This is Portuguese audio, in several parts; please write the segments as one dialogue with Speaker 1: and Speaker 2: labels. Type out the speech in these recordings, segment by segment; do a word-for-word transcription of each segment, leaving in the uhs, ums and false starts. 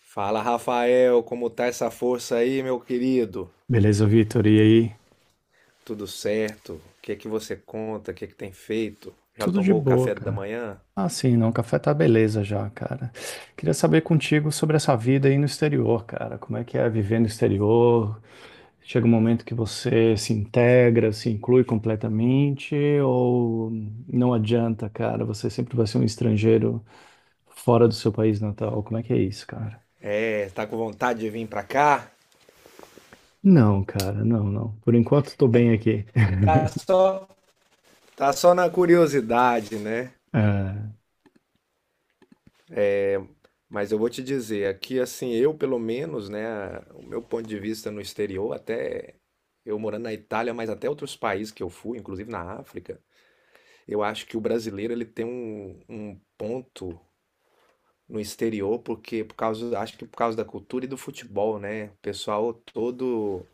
Speaker 1: Fala, Rafael, como tá essa força aí, meu querido?
Speaker 2: Beleza, Vitor. E aí?
Speaker 1: Tudo certo? O que é que você conta? O que é que tem feito? Já
Speaker 2: Tudo de
Speaker 1: tomou o
Speaker 2: boa,
Speaker 1: café da
Speaker 2: cara.
Speaker 1: manhã?
Speaker 2: Ah, sim, não. O café tá beleza já, cara. Queria saber contigo sobre essa vida aí no exterior, cara. Como é que é viver no exterior? Chega um momento que você se integra, se inclui completamente, ou não adianta, cara? Você sempre vai ser um estrangeiro fora do seu país natal. Como é que é isso, cara?
Speaker 1: É, tá com vontade de vir pra cá?
Speaker 2: Não, cara, não, não. Por enquanto, tô bem aqui.
Speaker 1: Tá só, tá só na curiosidade, né? Mas eu vou te dizer, aqui assim, eu pelo menos, né, o meu ponto de vista no exterior, até eu morando na Itália, mas até outros países que eu fui, inclusive na África, eu acho que o brasileiro ele tem um, um ponto no exterior, porque por causa, acho que por causa da cultura e do futebol, né? O pessoal todo,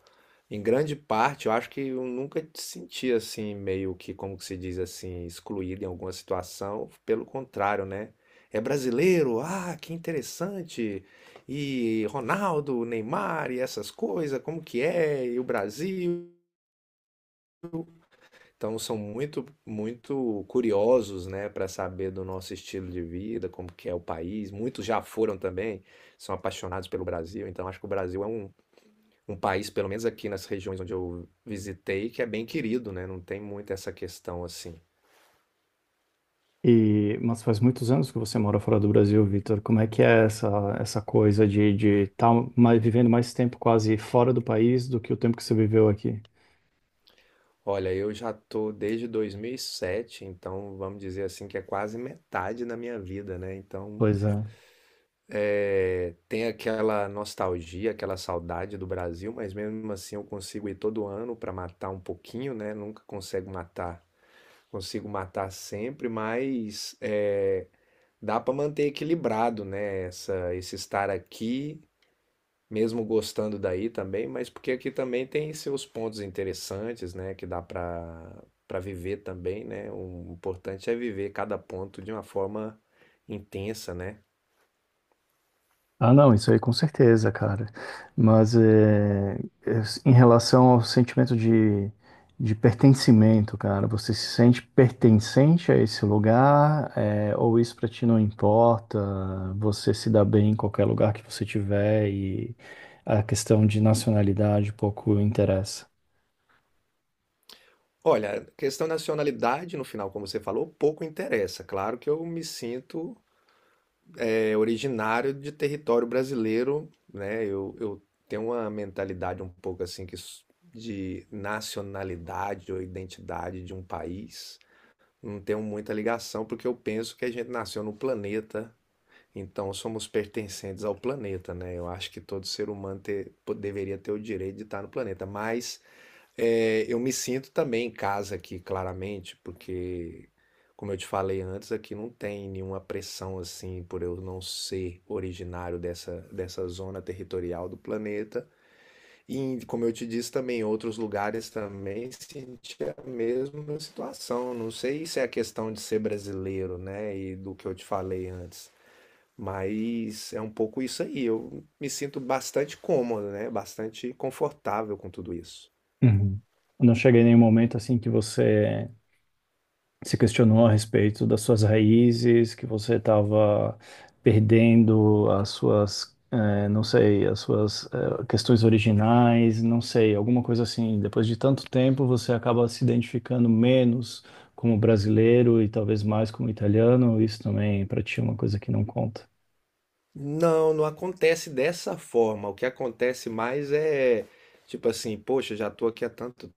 Speaker 1: em grande parte, eu acho que eu nunca te senti assim, meio que, como que se diz assim, excluído em alguma situação. Pelo contrário, né? É brasileiro, ah, que interessante. E Ronaldo, Neymar e essas coisas, como que é? E o Brasil? Então são muito, muito curiosos, né, para saber do nosso estilo de vida, como que é o país. Muitos já foram também, são apaixonados pelo Brasil. Então acho que o Brasil é um, um país, pelo menos aqui nas regiões onde eu visitei, que é bem querido, né? Não tem muito essa questão assim.
Speaker 2: E, mas faz muitos anos que você mora fora do Brasil, Vitor. Como é que é essa, essa coisa de estar de estar mais, vivendo mais tempo quase fora do país do que o tempo que você viveu aqui?
Speaker 1: Olha, eu já tô desde dois mil e sete, então vamos dizer assim que é quase metade da minha vida, né? Então
Speaker 2: Pois é.
Speaker 1: é, tem aquela nostalgia, aquela saudade do Brasil, mas mesmo assim eu consigo ir todo ano para matar um pouquinho, né? Nunca consigo matar, consigo matar sempre, mas é, dá para manter equilibrado, né? Essa, esse estar aqui, mesmo gostando daí também, mas porque aqui também tem seus pontos interessantes, né? Que dá para para viver também, né? O importante é viver cada ponto de uma forma intensa, né?
Speaker 2: Ah, não, isso aí com certeza, cara. Mas é, é, em relação ao sentimento de, de pertencimento, cara, você se sente pertencente a esse lugar, é, ou isso pra ti não importa? Você se dá bem em qualquer lugar que você tiver e a questão de nacionalidade pouco interessa.
Speaker 1: Olha, questão de nacionalidade, no final, como você falou, pouco interessa. Claro que eu me sinto é, originário de território brasileiro, né? Eu, eu tenho uma mentalidade um pouco assim que s- de nacionalidade ou identidade de um país. Não tenho muita ligação, porque eu penso que a gente nasceu no planeta, então somos pertencentes ao planeta, né? Eu acho que todo ser humano ter- po- deveria ter o direito de estar no planeta, mas. É, eu me sinto também em casa aqui, claramente, porque, como eu te falei antes, aqui não tem nenhuma pressão assim por eu não ser originário dessa, dessa zona territorial do planeta. E, como eu te disse também, em outros lugares também senti a mesma situação. Não sei se é a questão de ser brasileiro, né, e do que eu te falei antes. Mas é um pouco isso aí. Eu me sinto bastante cômodo, né? Bastante confortável com tudo isso.
Speaker 2: Uhum. Não chega em nenhum momento assim que você se questionou a respeito das suas raízes, que você estava perdendo as suas, eh, não sei, as suas, eh, questões originais, não sei, alguma coisa assim. Depois de tanto tempo, você acaba se identificando menos como brasileiro e talvez mais como italiano. Isso também para ti é uma coisa que não conta.
Speaker 1: Não, não acontece dessa forma. O que acontece mais é tipo assim, poxa, já tô aqui há tanto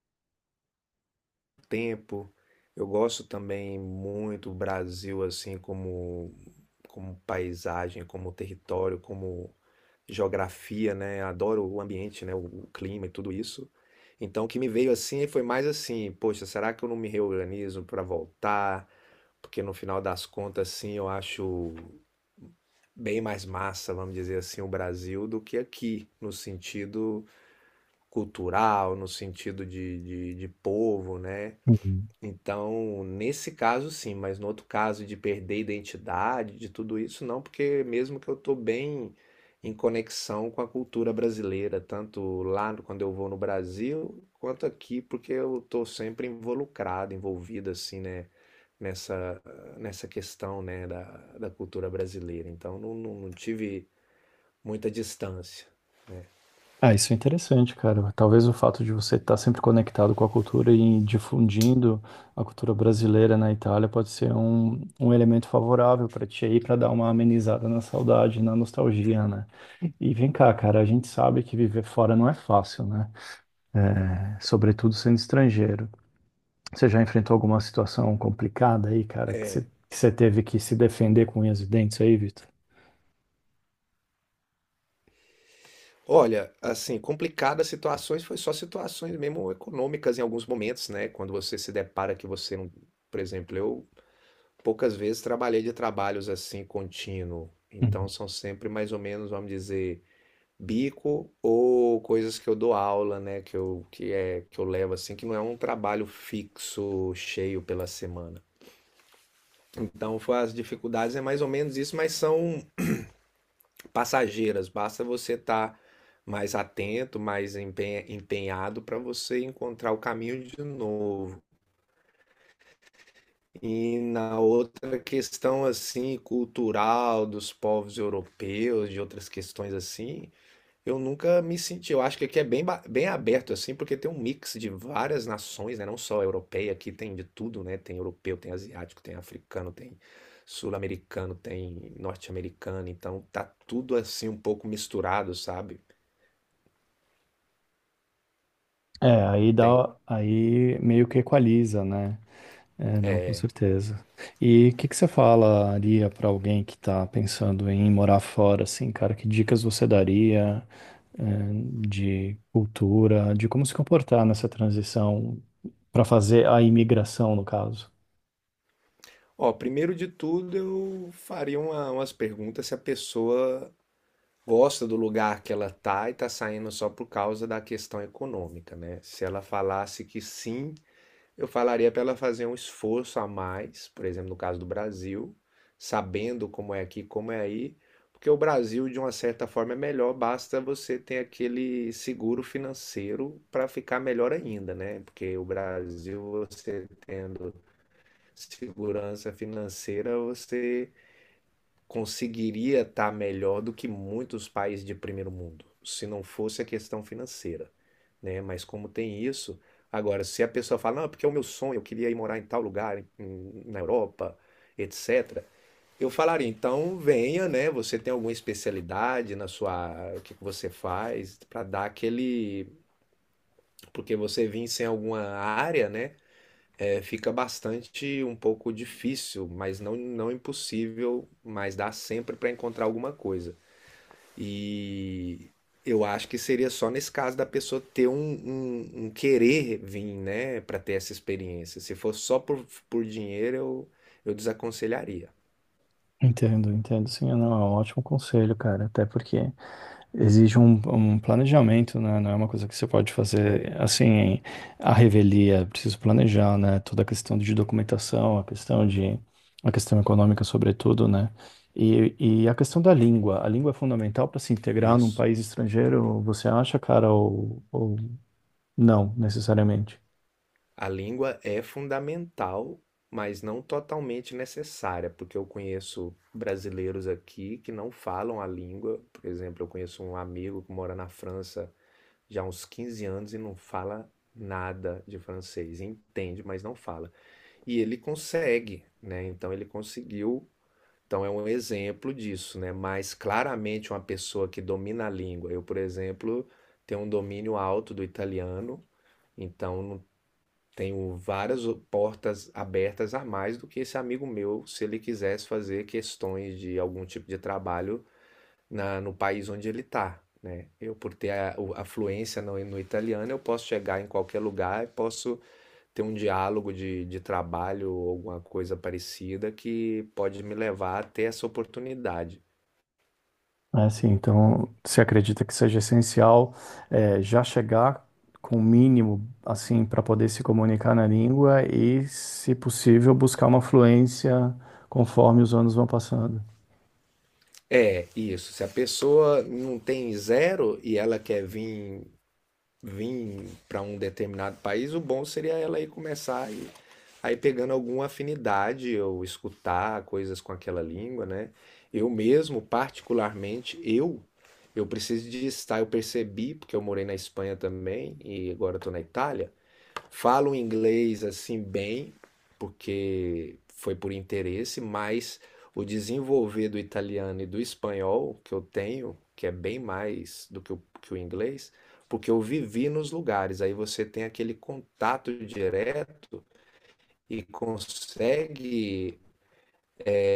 Speaker 1: tempo. Eu gosto também muito do Brasil assim como como paisagem, como território, como geografia, né? Adoro o ambiente, né? O clima e tudo isso. Então, o que me veio assim foi mais assim, poxa, será que eu não me reorganizo para voltar? Porque no final das contas, sim, eu acho bem mais massa, vamos dizer assim, o Brasil do que aqui, no sentido cultural, no sentido de, de, de povo, né?
Speaker 2: Uhum.
Speaker 1: Então, nesse caso sim, mas no outro caso de perder identidade, de tudo isso, não, porque mesmo que eu estou bem em conexão com a cultura brasileira, tanto lá no- quando eu vou no Brasil, quanto aqui, porque eu estou sempre involucrado, envolvido assim, né, nessa, nessa questão, né, da, da cultura brasileira. Então, não, não, não tive muita distância.
Speaker 2: Ah, isso é interessante, cara. Talvez o fato de você estar sempre conectado com a cultura e difundindo a cultura brasileira na Itália pode ser um, um elemento favorável para ti aí, para dar uma amenizada na saudade, na nostalgia, né? E vem cá, cara, a gente sabe que viver fora não é fácil, né? É, sobretudo sendo estrangeiro. Você já enfrentou alguma situação complicada aí, cara, que você, que você teve que se defender com unhas e dentes aí, Vitor?
Speaker 1: Olha, assim, complicadas situações foi só situações mesmo econômicas em alguns momentos, né? Quando você se depara que você não, por exemplo, eu poucas vezes trabalhei de trabalhos assim contínuo, então
Speaker 2: Uhum.
Speaker 1: são sempre mais ou menos, vamos dizer, bico ou coisas que eu dou aula, né? Que eu que é que eu levo assim, que não é um trabalho fixo cheio pela semana. Então, foi as dificuldades é mais ou menos isso, mas são passageiras, basta você estar mais atento, mais empenha- empenhado para você encontrar o caminho de novo. E na outra questão assim cultural dos povos europeus, de outras questões assim, eu nunca me senti. Eu acho que aqui é bem, ba- bem aberto assim, porque tem um mix de várias nações, né? Não só a europeia, aqui tem de tudo, né? Tem europeu, tem asiático, tem africano, tem sul-americano, tem norte-americano, então tá tudo assim um pouco misturado, sabe?
Speaker 2: É, aí
Speaker 1: Tem.
Speaker 2: dá, aí meio que equaliza, né? É, não, com certeza. E o que que você falaria para alguém que tá pensando em morar fora, assim, cara? Que dicas você daria, eh, de cultura, de como se comportar nessa transição para fazer a imigração, no caso?
Speaker 1: Ó, primeiro de tudo, eu faria uma- umas perguntas se a pessoa gosta do lugar que ela tá e tá saindo só por causa da questão econômica, né? Se ela falasse que sim, eu falaria para ela fazer um esforço a mais, por exemplo, no caso do Brasil, sabendo como é aqui, como é aí, porque o Brasil, de uma certa forma, é melhor, basta você ter aquele seguro financeiro para ficar melhor ainda, né? Porque o Brasil, você tendo segurança financeira, você conseguiria estar melhor do que muitos países de primeiro mundo, se não fosse a questão financeira, né? Mas como tem isso, agora se a pessoa fala, não, é porque é o meu sonho, eu queria ir morar em tal lugar, em- em- na Europa, etcétera. Eu falaria, então venha, né? Você tem alguma especialidade na sua, o que que você faz para dar aquele, porque você vem sem alguma área, né? É, fica bastante um pouco difícil, mas não, não impossível, mas dá sempre para encontrar alguma coisa. E eu acho que seria só nesse caso da pessoa ter um, um, um querer vir, né, para ter essa experiência. Se for só por, por dinheiro, eu, eu desaconselharia
Speaker 2: Entendo, entendo. Sim, não, é um ótimo conselho, cara. Até porque exige um, um planejamento, né? Não é uma coisa que você pode fazer assim, à revelia. É preciso planejar, né? Toda a questão de documentação, a questão de, a questão econômica, sobretudo, né? E, e a questão da língua. A língua é fundamental para se integrar num
Speaker 1: isso.
Speaker 2: país estrangeiro, você acha, cara, ou, ou não, necessariamente?
Speaker 1: A língua é fundamental, mas não totalmente necessária, porque eu conheço brasileiros aqui que não falam a língua. Por exemplo, eu conheço um amigo que mora na França já há uns quinze anos e não fala nada de francês, entende, mas não fala. E ele consegue, né? Então ele conseguiu. Então é um exemplo disso, né? Mas claramente uma pessoa que domina a língua. Eu, por exemplo, tenho um domínio alto do italiano. Então, não tenho várias portas abertas a mais do que esse amigo meu, se ele quisesse fazer questões de algum tipo de trabalho na, no país onde ele está, né? Eu, por ter a, a fluência no, no italiano, eu posso chegar em qualquer lugar e posso ter um diálogo de, de trabalho ou alguma coisa parecida que pode me levar a ter essa oportunidade.
Speaker 2: Ah, sim. Então, você acredita que seja essencial eh, já chegar com o mínimo, assim, para poder se comunicar na língua e, se possível, buscar uma fluência conforme os anos vão passando?
Speaker 1: É, isso. Se a pessoa não tem zero e ela quer vir vir para um determinado país, o bom seria ela ir começar e aí pegando alguma afinidade ou escutar coisas com aquela língua, né? Eu mesmo, particularmente, eu eu preciso de estar, eu percebi, porque eu morei na Espanha também e agora estou na Itália, falo inglês assim bem, porque foi por interesse, mas o desenvolver do italiano e do espanhol que eu tenho, que é bem mais do que o, que o inglês, porque eu vivi nos lugares, aí você tem aquele contato direto e consegue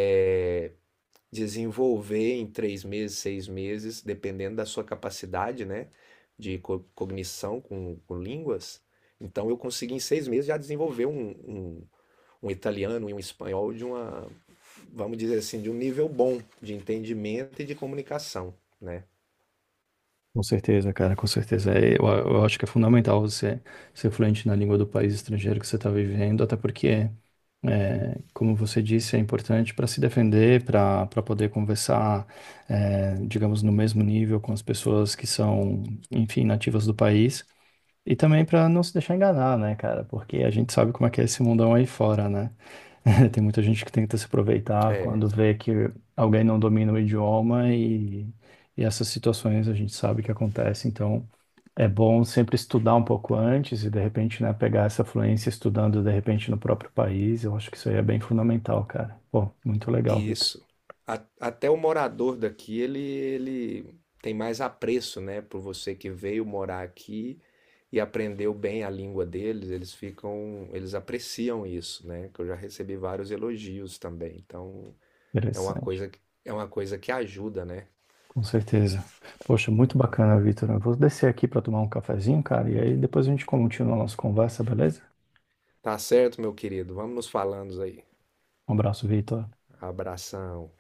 Speaker 1: é, desenvolver em três meses, seis meses, dependendo da sua capacidade, né, de co- cognição com, com línguas. Então eu consegui em seis meses já desenvolver um, um- um italiano e um espanhol de uma, vamos dizer assim, de um nível bom de entendimento e de comunicação, né?
Speaker 2: Com certeza, cara, com certeza. É, Eu, eu acho que é fundamental você ser fluente na língua do país estrangeiro que você está vivendo, até porque, é, como você disse, é importante para se defender, para para poder conversar, é, digamos, no mesmo nível com as pessoas que são, enfim, nativas do país. E também para não se deixar enganar, né, cara? Porque a gente sabe como é que é esse mundão aí fora, né? Tem muita gente que tenta se aproveitar quando
Speaker 1: É,
Speaker 2: vê que alguém não domina o idioma e, e essas situações a gente sabe que acontece. Então é bom sempre estudar um pouco antes e de repente, né, pegar essa fluência estudando de repente no próprio país. Eu acho que isso aí é bem fundamental, cara. Pô, muito legal,
Speaker 1: e
Speaker 2: Vitor.
Speaker 1: isso. A- até o morador daqui, ele, ele tem mais apreço, né, por você que veio morar aqui e aprendeu bem a língua deles, eles ficam, eles apreciam isso, né? Que eu já recebi vários elogios também. Então, é uma
Speaker 2: Interessante.
Speaker 1: coisa, que- é uma coisa que ajuda, né?
Speaker 2: Com certeza. Poxa, muito
Speaker 1: Entendeu?
Speaker 2: bacana, Vitor. Eu vou descer aqui para tomar um cafezinho, cara, e aí depois a gente continua a nossa conversa, beleza?
Speaker 1: Tá certo, meu querido. Vamos nos falando aí.
Speaker 2: Um abraço, Vitor.
Speaker 1: Abração.